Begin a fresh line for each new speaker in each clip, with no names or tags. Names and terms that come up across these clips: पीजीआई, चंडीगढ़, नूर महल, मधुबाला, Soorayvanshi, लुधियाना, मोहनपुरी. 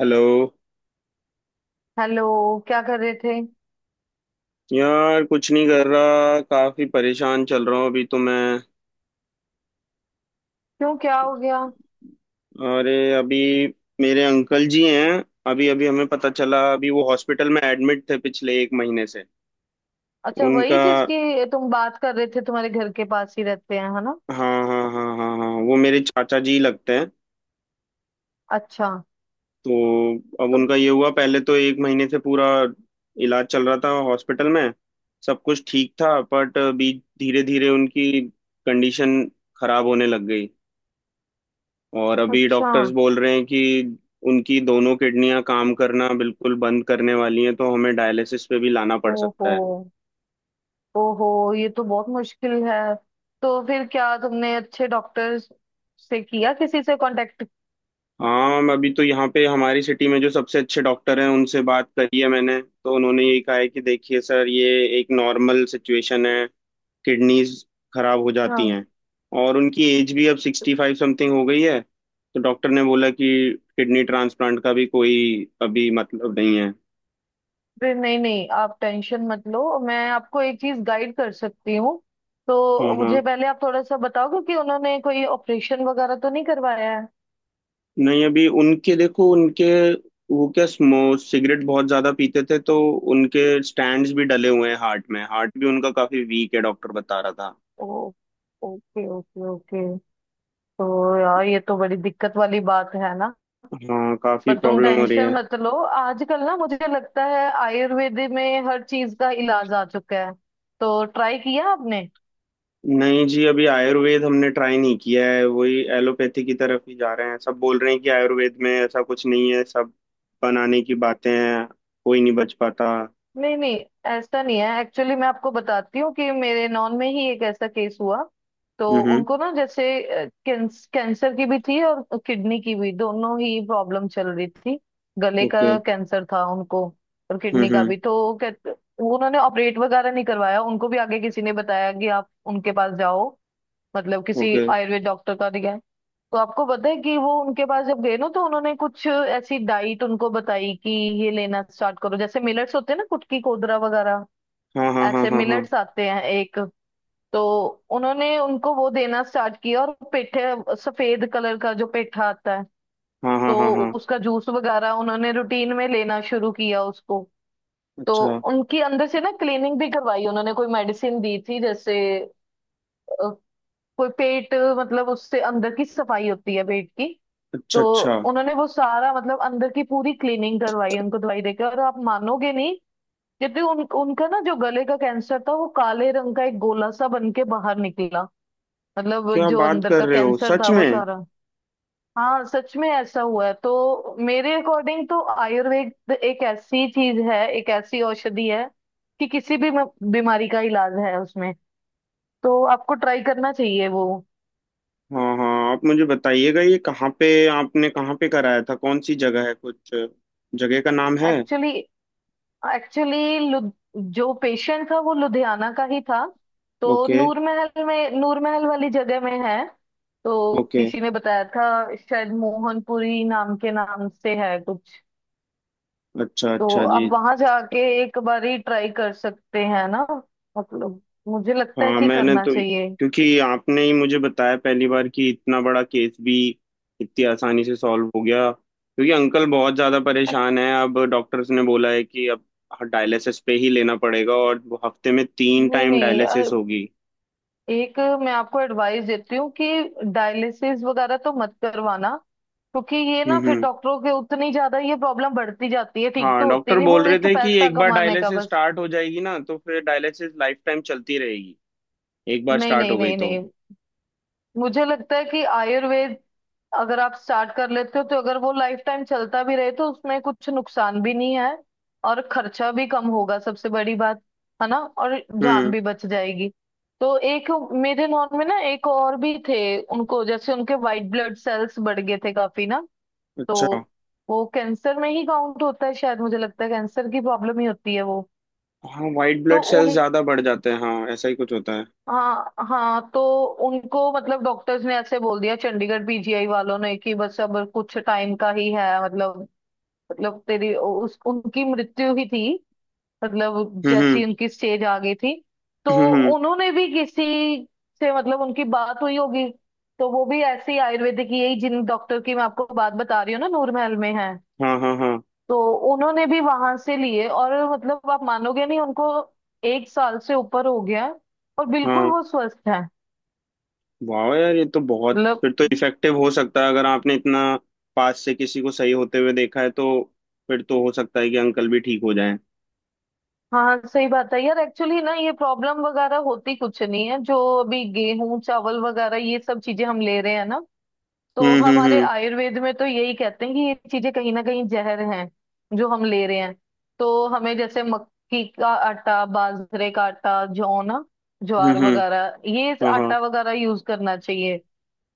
Hello.
Hello. क्या कर रहे थे?
यार कुछ नहीं कर रहा, काफी परेशान चल रहा हूँ अभी तो मैं।
क्यों, क्या हो गया?
अरे अभी मेरे अंकल जी हैं। अभी अभी हमें पता चला, अभी वो हॉस्पिटल में एडमिट थे पिछले 1 महीने से।
अच्छा, वही
उनका,
जिसकी तुम बात कर रहे थे, तुम्हारे घर के पास ही रहते हैं, है ना?
हाँ हाँ हाँ हाँ हाँ, वो मेरे चाचा जी लगते हैं।
अच्छा।
तो अब
तो
उनका ये हुआ, पहले तो 1 महीने से पूरा इलाज चल रहा था हॉस्पिटल में। सब कुछ ठीक था बट अभी धीरे धीरे उनकी कंडीशन खराब होने लग गई। और अभी
अच्छा।
डॉक्टर्स बोल रहे हैं कि उनकी दोनों किडनियां काम करना बिल्कुल बंद करने वाली हैं, तो हमें डायलिसिस पे भी लाना पड़
ओहो।
सकता है।
ओहो, ये तो बहुत मुश्किल है। तो फिर क्या तुमने अच्छे डॉक्टर से किया किसी से कांटेक्ट?
हाँ, मैं अभी तो यहाँ पे हमारी सिटी में जो सबसे अच्छे डॉक्टर हैं उनसे बात करी है मैंने, तो उन्होंने यही कहा है कि देखिए सर, ये एक नॉर्मल सिचुएशन है, किडनीज खराब हो जाती
हाँ।
हैं। और उनकी एज भी अब 65 समथिंग हो गई है, तो डॉक्टर ने बोला कि किडनी ट्रांसप्लांट का भी कोई अभी मतलब नहीं है।
फिर नहीं नहीं, आप टेंशन मत लो, मैं आपको एक चीज गाइड कर सकती हूँ।
हाँ
तो
हाँ।
मुझे पहले आप थोड़ा सा बताओगे कि उन्होंने कोई ऑपरेशन वगैरह तो नहीं करवाया है।
नहीं, अभी उनके, देखो उनके, वो क्या, स्मो सिगरेट बहुत ज्यादा पीते थे, तो उनके स्टैंड्स भी डले हुए हैं हार्ट में। हार्ट भी उनका काफी वीक है, डॉक्टर बता रहा था।
Oh, okay okay okay. तो यार ये तो बड़ी दिक्कत वाली बात है ना।
हाँ, काफी
पर तुम
प्रॉब्लम हो रही
टेंशन
है।
मत लो। आजकल ना मुझे लगता है आयुर्वेद में हर चीज का इलाज आ चुका है। तो ट्राई किया आपने?
नहीं जी, अभी आयुर्वेद हमने ट्राई नहीं किया है। वही एलोपैथी की तरफ ही जा रहे हैं। सब बोल रहे हैं कि आयुर्वेद में ऐसा कुछ नहीं है, सब बनाने की बातें हैं, कोई नहीं बच पाता।
नहीं नहीं, ऐसा नहीं है। एक्चुअली मैं आपको बताती हूँ कि मेरे नॉन में ही एक ऐसा केस हुआ। तो
हम्म।
उनको ना जैसे कैंसर की भी थी और किडनी की भी, दोनों ही प्रॉब्लम चल रही थी। गले
ओके।
का कैंसर था उनको और किडनी का
हम्म।
भी। तो उन्होंने ऑपरेट वगैरह नहीं करवाया। उनको भी आगे किसी ने बताया कि आप उनके पास जाओ, मतलब किसी
ओके।
आयुर्वेद डॉक्टर का दिखाया। तो आपको पता है कि वो उनके पास जब गए ना, तो उन्होंने कुछ ऐसी डाइट उनको बताई कि ये लेना स्टार्ट करो, जैसे मिलेट्स होते हैं ना, कुटकी कोदरा वगैरह।
हाँ हाँ हाँ
ऐसे
हाँ हाँ
मिलेट्स आते हैं एक। तो उन्होंने उनको वो देना स्टार्ट किया, और पेठे, सफेद कलर का जो पेठा आता है,
हाँ हाँ
तो
हाँ हाँ।
उसका जूस वगैरह उन्होंने रूटीन में लेना शुरू किया उसको। तो
अच्छा
उनकी अंदर से ना क्लीनिंग भी करवाई। उन्होंने कोई मेडिसिन दी थी जैसे अ, कोई पेट, मतलब उससे अंदर की सफाई होती है पेट की।
अच्छा।
तो
अच्छा।
उन्होंने वो सारा मतलब अंदर की पूरी क्लीनिंग करवाई उनको दवाई देकर, और आप मानोगे नहीं, क्योंकि उन उनका ना जो गले का कैंसर था वो काले रंग का एक गोला सा बन के बाहर निकला, मतलब
क्या
जो
बात
अंदर
कर
का
रहे हो,
कैंसर
सच
था वो
में?
सारा। हाँ सच में ऐसा हुआ है। तो मेरे अकॉर्डिंग तो आयुर्वेद एक ऐसी चीज है, एक ऐसी औषधि है कि किसी भी बीमारी का इलाज है उसमें। तो आपको ट्राई करना चाहिए वो।
हाँ हाँ, आप मुझे बताइएगा, ये कहाँ पे, आपने कहाँ पे कराया था? कौन सी जगह है? कुछ जगह का नाम है?
एक्चुअली एक्चुअली जो पेशेंट था वो लुधियाना का ही था। तो
ओके।
नूर महल वाली जगह में है। तो
ओके।
किसी ने बताया था, शायद मोहनपुरी नाम के नाम से है कुछ।
अच्छा
तो
अच्छा जी।
आप वहां जाके एक बारी ट्राई कर सकते हैं ना। मतलब मुझे लगता है
हाँ
कि
मैंने
करना
तो,
चाहिए।
क्योंकि आपने ही मुझे बताया पहली बार कि इतना बड़ा केस भी इतनी आसानी से सॉल्व हो गया। क्योंकि अंकल बहुत ज़्यादा
अ-
परेशान है, अब डॉक्टर्स ने बोला है कि अब डायलिसिस पे ही लेना पड़ेगा, और वो हफ्ते में तीन
नहीं
टाइम
नहीं,
डायलिसिस होगी।
एक मैं आपको एडवाइस देती हूँ कि डायलिसिस वगैरह तो मत करवाना। क्योंकि ये ना फिर
हम्म।
डॉक्टरों के उतनी ज्यादा ये प्रॉब्लम बढ़ती जाती है, ठीक
हाँ,
तो होती
डॉक्टर
नहीं, वो
बोल रहे
एक
थे कि
पैसा
एक बार
कमाने का
डायलिसिस
बस।
स्टार्ट हो जाएगी ना, तो फिर डायलिसिस लाइफ टाइम चलती रहेगी। एक बार
नहीं
स्टार्ट
नहीं
हो गई
नहीं
तो।
नहीं, मुझे लगता है कि आयुर्वेद अगर आप स्टार्ट कर लेते हो तो अगर वो लाइफ टाइम चलता भी रहे तो उसमें कुछ नुकसान भी नहीं है, और खर्चा भी कम होगा सबसे बड़ी बात, है ना, और जान
हम्म।
भी बच जाएगी। तो एक मेरे नॉन में ना एक और भी थे। उनको जैसे उनके व्हाइट ब्लड सेल्स बढ़ गए थे काफी ना। तो
अच्छा।
वो कैंसर में ही काउंट होता है शायद, मुझे लगता है कैंसर की प्रॉब्लम ही होती है वो।
हाँ, वाइट
तो
ब्लड सेल्स
उन
ज्यादा बढ़ जाते हैं, हाँ ऐसा ही कुछ होता है।
हाँ हाँ, तो उनको मतलब डॉक्टर्स ने ऐसे बोल दिया, चंडीगढ़ पीजीआई वालों ने, कि बस अब कुछ टाइम का ही है, मतलब तेरी उस उनकी मृत्यु ही थी, मतलब
हम्म
जैसी उनकी स्टेज आ गई थी। तो
हम्म।
उन्होंने भी किसी से मतलब उनकी बात हुई होगी। तो वो भी ऐसे ही आयुर्वेदिक ही, यही जिन डॉक्टर की मैं आपको बात बता रही हूँ ना, नूर महल में है।
हाँ हाँ हाँ
तो उन्होंने भी वहां से लिए और, मतलब आप मानोगे नहीं, उनको एक साल से ऊपर हो गया है और बिल्कुल
हाँ।
वो स्वस्थ है।
वाह यार, ये तो बहुत,
मतलब
फिर तो इफेक्टिव हो सकता है, अगर आपने इतना पास से किसी को सही होते हुए देखा है, तो फिर तो हो सकता है कि अंकल भी ठीक हो जाएं।
हाँ सही बात है यार। एक्चुअली ना ये प्रॉब्लम वगैरह होती कुछ नहीं है, जो अभी गेहूं चावल वगैरह ये सब चीजें हम ले रहे हैं ना, तो हमारे
हम्म।
आयुर्वेद में तो यही कहते हैं कि ये चीजें कहीं ना कहीं जहर हैं जो हम ले रहे हैं। तो हमें जैसे मक्की का आटा, बाजरे का आटा, जौ ना,
हम्म
ज्वार
हम्म,
वगैरह ये
हाँ हाँ
आटा वगैरह यूज करना चाहिए।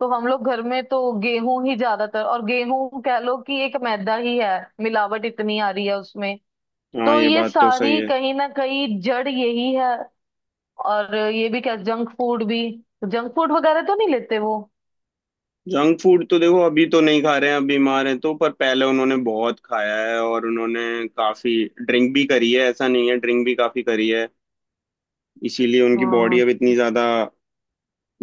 तो हम लोग घर में तो गेहूं ही ज्यादातर, और गेहूं कह लो कि एक मैदा ही है, मिलावट इतनी आ रही है उसमें।
हाँ।
तो
ये
ये
बात तो सही
सारी
है।
कहीं ना कहीं जड़ यही है। और ये भी क्या जंक फूड वगैरह तो नहीं लेते वो?
जंक फूड तो देखो अभी तो नहीं खा रहे हैं, अब बीमार हैं तो। पर पहले उन्होंने बहुत खाया है, और उन्होंने काफी ड्रिंक भी करी है। ऐसा नहीं है, ड्रिंक भी काफी करी है। इसीलिए उनकी बॉडी
हाँ
अब इतनी ज्यादा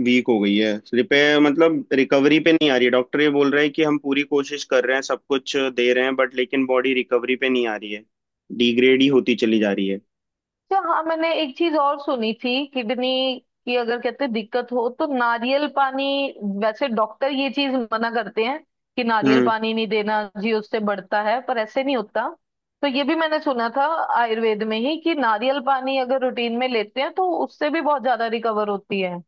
वीक हो गई है, रिपेयर मतलब रिकवरी पे नहीं आ रही है। डॉक्टर ये बोल रहे हैं कि हम पूरी कोशिश कर रहे हैं, सब कुछ दे रहे हैं, बट लेकिन बॉडी रिकवरी पे नहीं आ रही है, डिग्रेड ही होती चली जा रही है।
अच्छा। हाँ मैंने एक चीज और सुनी थी, किडनी की अगर कहते हैं दिक्कत हो तो नारियल पानी। वैसे डॉक्टर ये चीज मना करते हैं कि नारियल
हम्म।
पानी नहीं देना जी, उससे बढ़ता है, पर ऐसे नहीं होता। तो ये भी मैंने सुना था आयुर्वेद में ही कि नारियल पानी अगर रूटीन में लेते हैं तो उससे भी बहुत ज्यादा रिकवर होती है।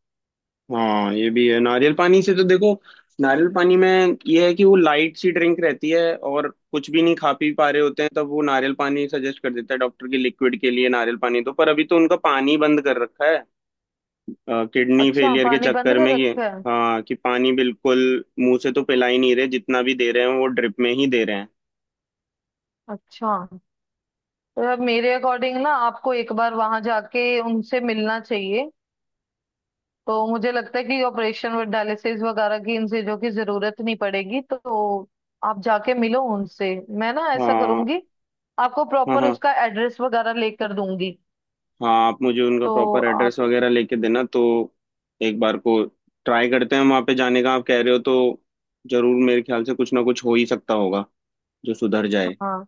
हाँ, ये भी है। नारियल पानी से तो देखो, नारियल पानी में ये है कि वो लाइट सी ड्रिंक रहती है, और कुछ भी नहीं खा पी पा रहे होते हैं तब वो नारियल पानी सजेस्ट कर देता है डॉक्टर, की लिक्विड के लिए नारियल पानी। तो पर अभी तो उनका पानी बंद कर रखा है किडनी
अच्छा
फेलियर के
पानी बंद
चक्कर में,
कर
ये।
रखा है?
हाँ, कि पानी बिल्कुल मुंह से तो पिला ही नहीं रहे, जितना भी दे रहे हैं वो ड्रिप में ही दे रहे हैं।
अच्छा। तो यार मेरे अकॉर्डिंग ना आपको एक बार वहां जाके उनसे मिलना चाहिए। तो मुझे लगता है कि ऑपरेशन और डायलिसिस वगैरह की इन चीजों की जरूरत नहीं पड़ेगी। तो आप जाके मिलो उनसे, मैं ना ऐसा
हाँ
करूंगी, आपको
हाँ।
प्रॉपर
हाँ,
उसका एड्रेस वगैरह लेकर दूंगी।
हाँ आप मुझे उनका
तो
प्रॉपर
आप
एड्रेस वगैरह लेके देना, तो एक बार को ट्राई करते हैं वहाँ पे जाने का, आप कह रहे हो तो जरूर। मेरे ख्याल से कुछ ना कुछ हो ही सकता होगा जो सुधर जाए,
हाँ।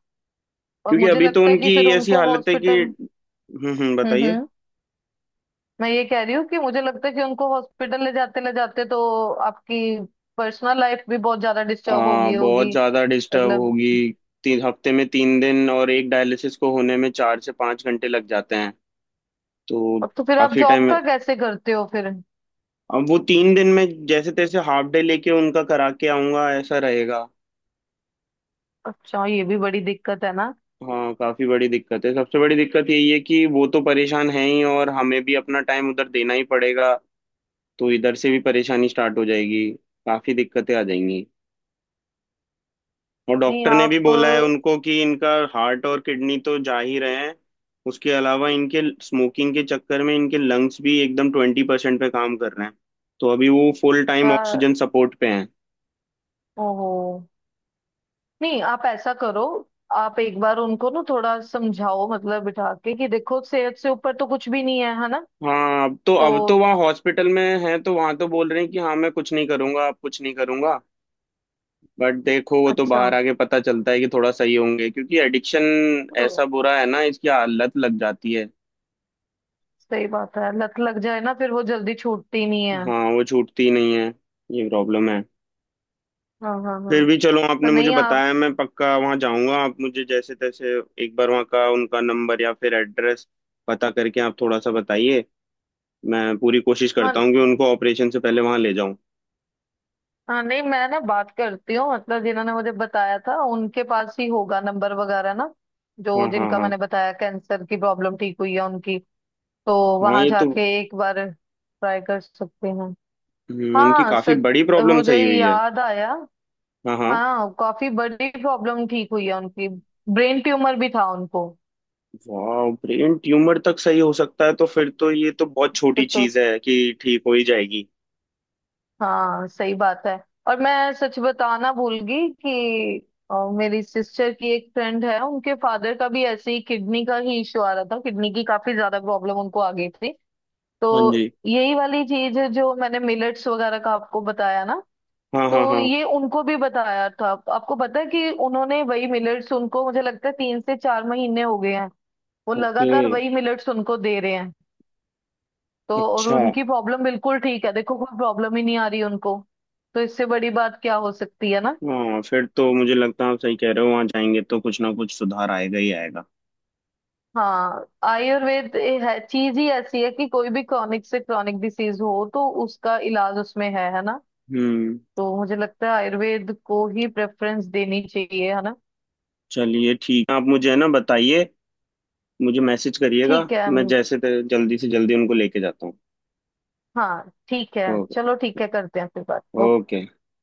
और
क्योंकि
मुझे
अभी तो
लगता है कि
उनकी
फिर
ऐसी
उनको
हालत है कि,
हॉस्पिटल,
बताइए।
हम्म। मैं ये कह रही हूँ कि मुझे लगता है कि उनको हॉस्पिटल ले जाते तो आपकी पर्सनल लाइफ भी बहुत ज्यादा डिस्टर्ब होगी
बहुत
होगी
ज़्यादा डिस्टर्ब
मतलब
होगी। 3 हफ्ते में 3 दिन, और एक डायलिसिस को होने में 4 से 5 घंटे लग जाते हैं, तो
अब तो फिर आप
काफ़ी
जॉब
टाइम है।
का कैसे करते हो फिर?
अब वो 3 दिन में जैसे तैसे हाफ डे लेके उनका करा के आऊंगा, ऐसा रहेगा।
अच्छा ये भी बड़ी दिक्कत है ना।
हाँ, काफी बड़ी दिक्कत है। सबसे बड़ी दिक्कत यही है कि वो तो परेशान है ही, और हमें भी अपना टाइम उधर देना ही पड़ेगा, तो इधर से भी परेशानी स्टार्ट हो जाएगी। काफी दिक्कतें आ जाएंगी। और
नहीं
डॉक्टर ने भी
आप,
बोला है उनको कि इनका हार्ट और किडनी तो जा ही रहे हैं, उसके अलावा इनके स्मोकिंग के चक्कर में इनके लंग्स भी एकदम 20% पे काम कर रहे हैं, तो अभी वो फुल टाइम
यार,
ऑक्सीजन सपोर्ट पे हैं।
ओहो। नहीं आप ऐसा करो, आप एक बार उनको ना थोड़ा समझाओ मतलब, बिठा के कि देखो सेहत से ऊपर तो कुछ भी नहीं है, है ना।
हाँ अब तो
तो
अब तो वहाँ हॉस्पिटल में हैं, तो वहाँ तो बोल रहे हैं कि हाँ मैं कुछ नहीं करूंगा, अब कुछ नहीं करूंगा। बट देखो, वो तो
अच्छा।
बाहर आके पता चलता है कि थोड़ा सही होंगे, क्योंकि एडिक्शन
तो
ऐसा बुरा है ना, इसकी आदत लग जाती है।
सही बात है, लत लग जाए ना फिर वो जल्दी छूटती नहीं है।
हाँ, वो छूटती ही नहीं है, ये प्रॉब्लम है।
हाँ हाँ
फिर
हाँ।
भी चलो,
तो
आपने मुझे
नहीं आप।
बताया, मैं पक्का वहाँ जाऊंगा। आप मुझे जैसे तैसे एक बार वहाँ का उनका नंबर या फिर एड्रेस पता करके आप थोड़ा सा बताइए। मैं पूरी कोशिश करता
हाँ
हूँ कि उनको ऑपरेशन से पहले वहाँ ले जाऊं।
हाँ नहीं मैं ना बात करती हूँ, मतलब जिन्होंने मुझे बताया था उनके पास ही होगा नंबर वगैरह ना, जो
हाँ हाँ
जिनका
हाँ
मैंने बताया कैंसर की प्रॉब्लम ठीक हुई है उनकी। तो
हाँ,
वहां
ये तो,
जाके एक बार ट्राई कर सकते हैं।
उनकी
हाँ
काफी
सच,
बड़ी प्रॉब्लम
मुझे
सही हुई है।
याद आया।
हाँ हाँ।
हाँ काफी बड़ी प्रॉब्लम ठीक हुई है उनकी, ब्रेन ट्यूमर भी था उनको।
वाह, ब्रेन ट्यूमर तक सही हो सकता है, तो फिर तो ये तो बहुत
फिर
छोटी
तो,
चीज है, कि ठीक हो ही जाएगी।
हाँ सही बात है। और मैं सच बताना भूल गई कि मेरी सिस्टर की एक फ्रेंड है, उनके फादर का भी ऐसे ही किडनी का ही इशू आ रहा था, किडनी की काफी ज्यादा प्रॉब्लम उनको आ गई थी।
हाँ
तो
जी।
यही वाली चीज है जो मैंने मिलेट्स वगैरह का आपको बताया ना।
हाँ हाँ
तो
हाँ।
ये उनको भी बताया था। आपको पता है कि उन्होंने वही मिलेट्स उनको, मुझे लगता है 3 से 4 महीने हो गए हैं, वो
ओके।
लगातार वही मिलेट्स उनको दे रहे हैं। तो और
अच्छा।
उनकी प्रॉब्लम बिल्कुल ठीक है, देखो कोई प्रॉब्लम ही नहीं आ रही उनको। तो इससे बड़ी बात क्या हो सकती है ना।
हाँ, फिर तो मुझे लगता है आप सही कह रहे हो, वहां जाएंगे तो कुछ ना कुछ सुधार आएगा ही आएगा।
हाँ आयुर्वेद है, चीज ही ऐसी है कि कोई भी क्रॉनिक से क्रॉनिक डिसीज हो तो उसका इलाज उसमें है ना।
हम्म।
तो मुझे लगता है आयुर्वेद को ही प्रेफरेंस देनी चाहिए, है ना।
चलिए ठीक, आप मुझे है ना बताइए, मुझे मैसेज करिएगा।
ठीक है।
मैं जल्दी से जल्दी उनको लेके जाता हूँ।
हाँ ठीक है।
ओके।
चलो ठीक है, करते हैं फिर बात, ओके।
ओके।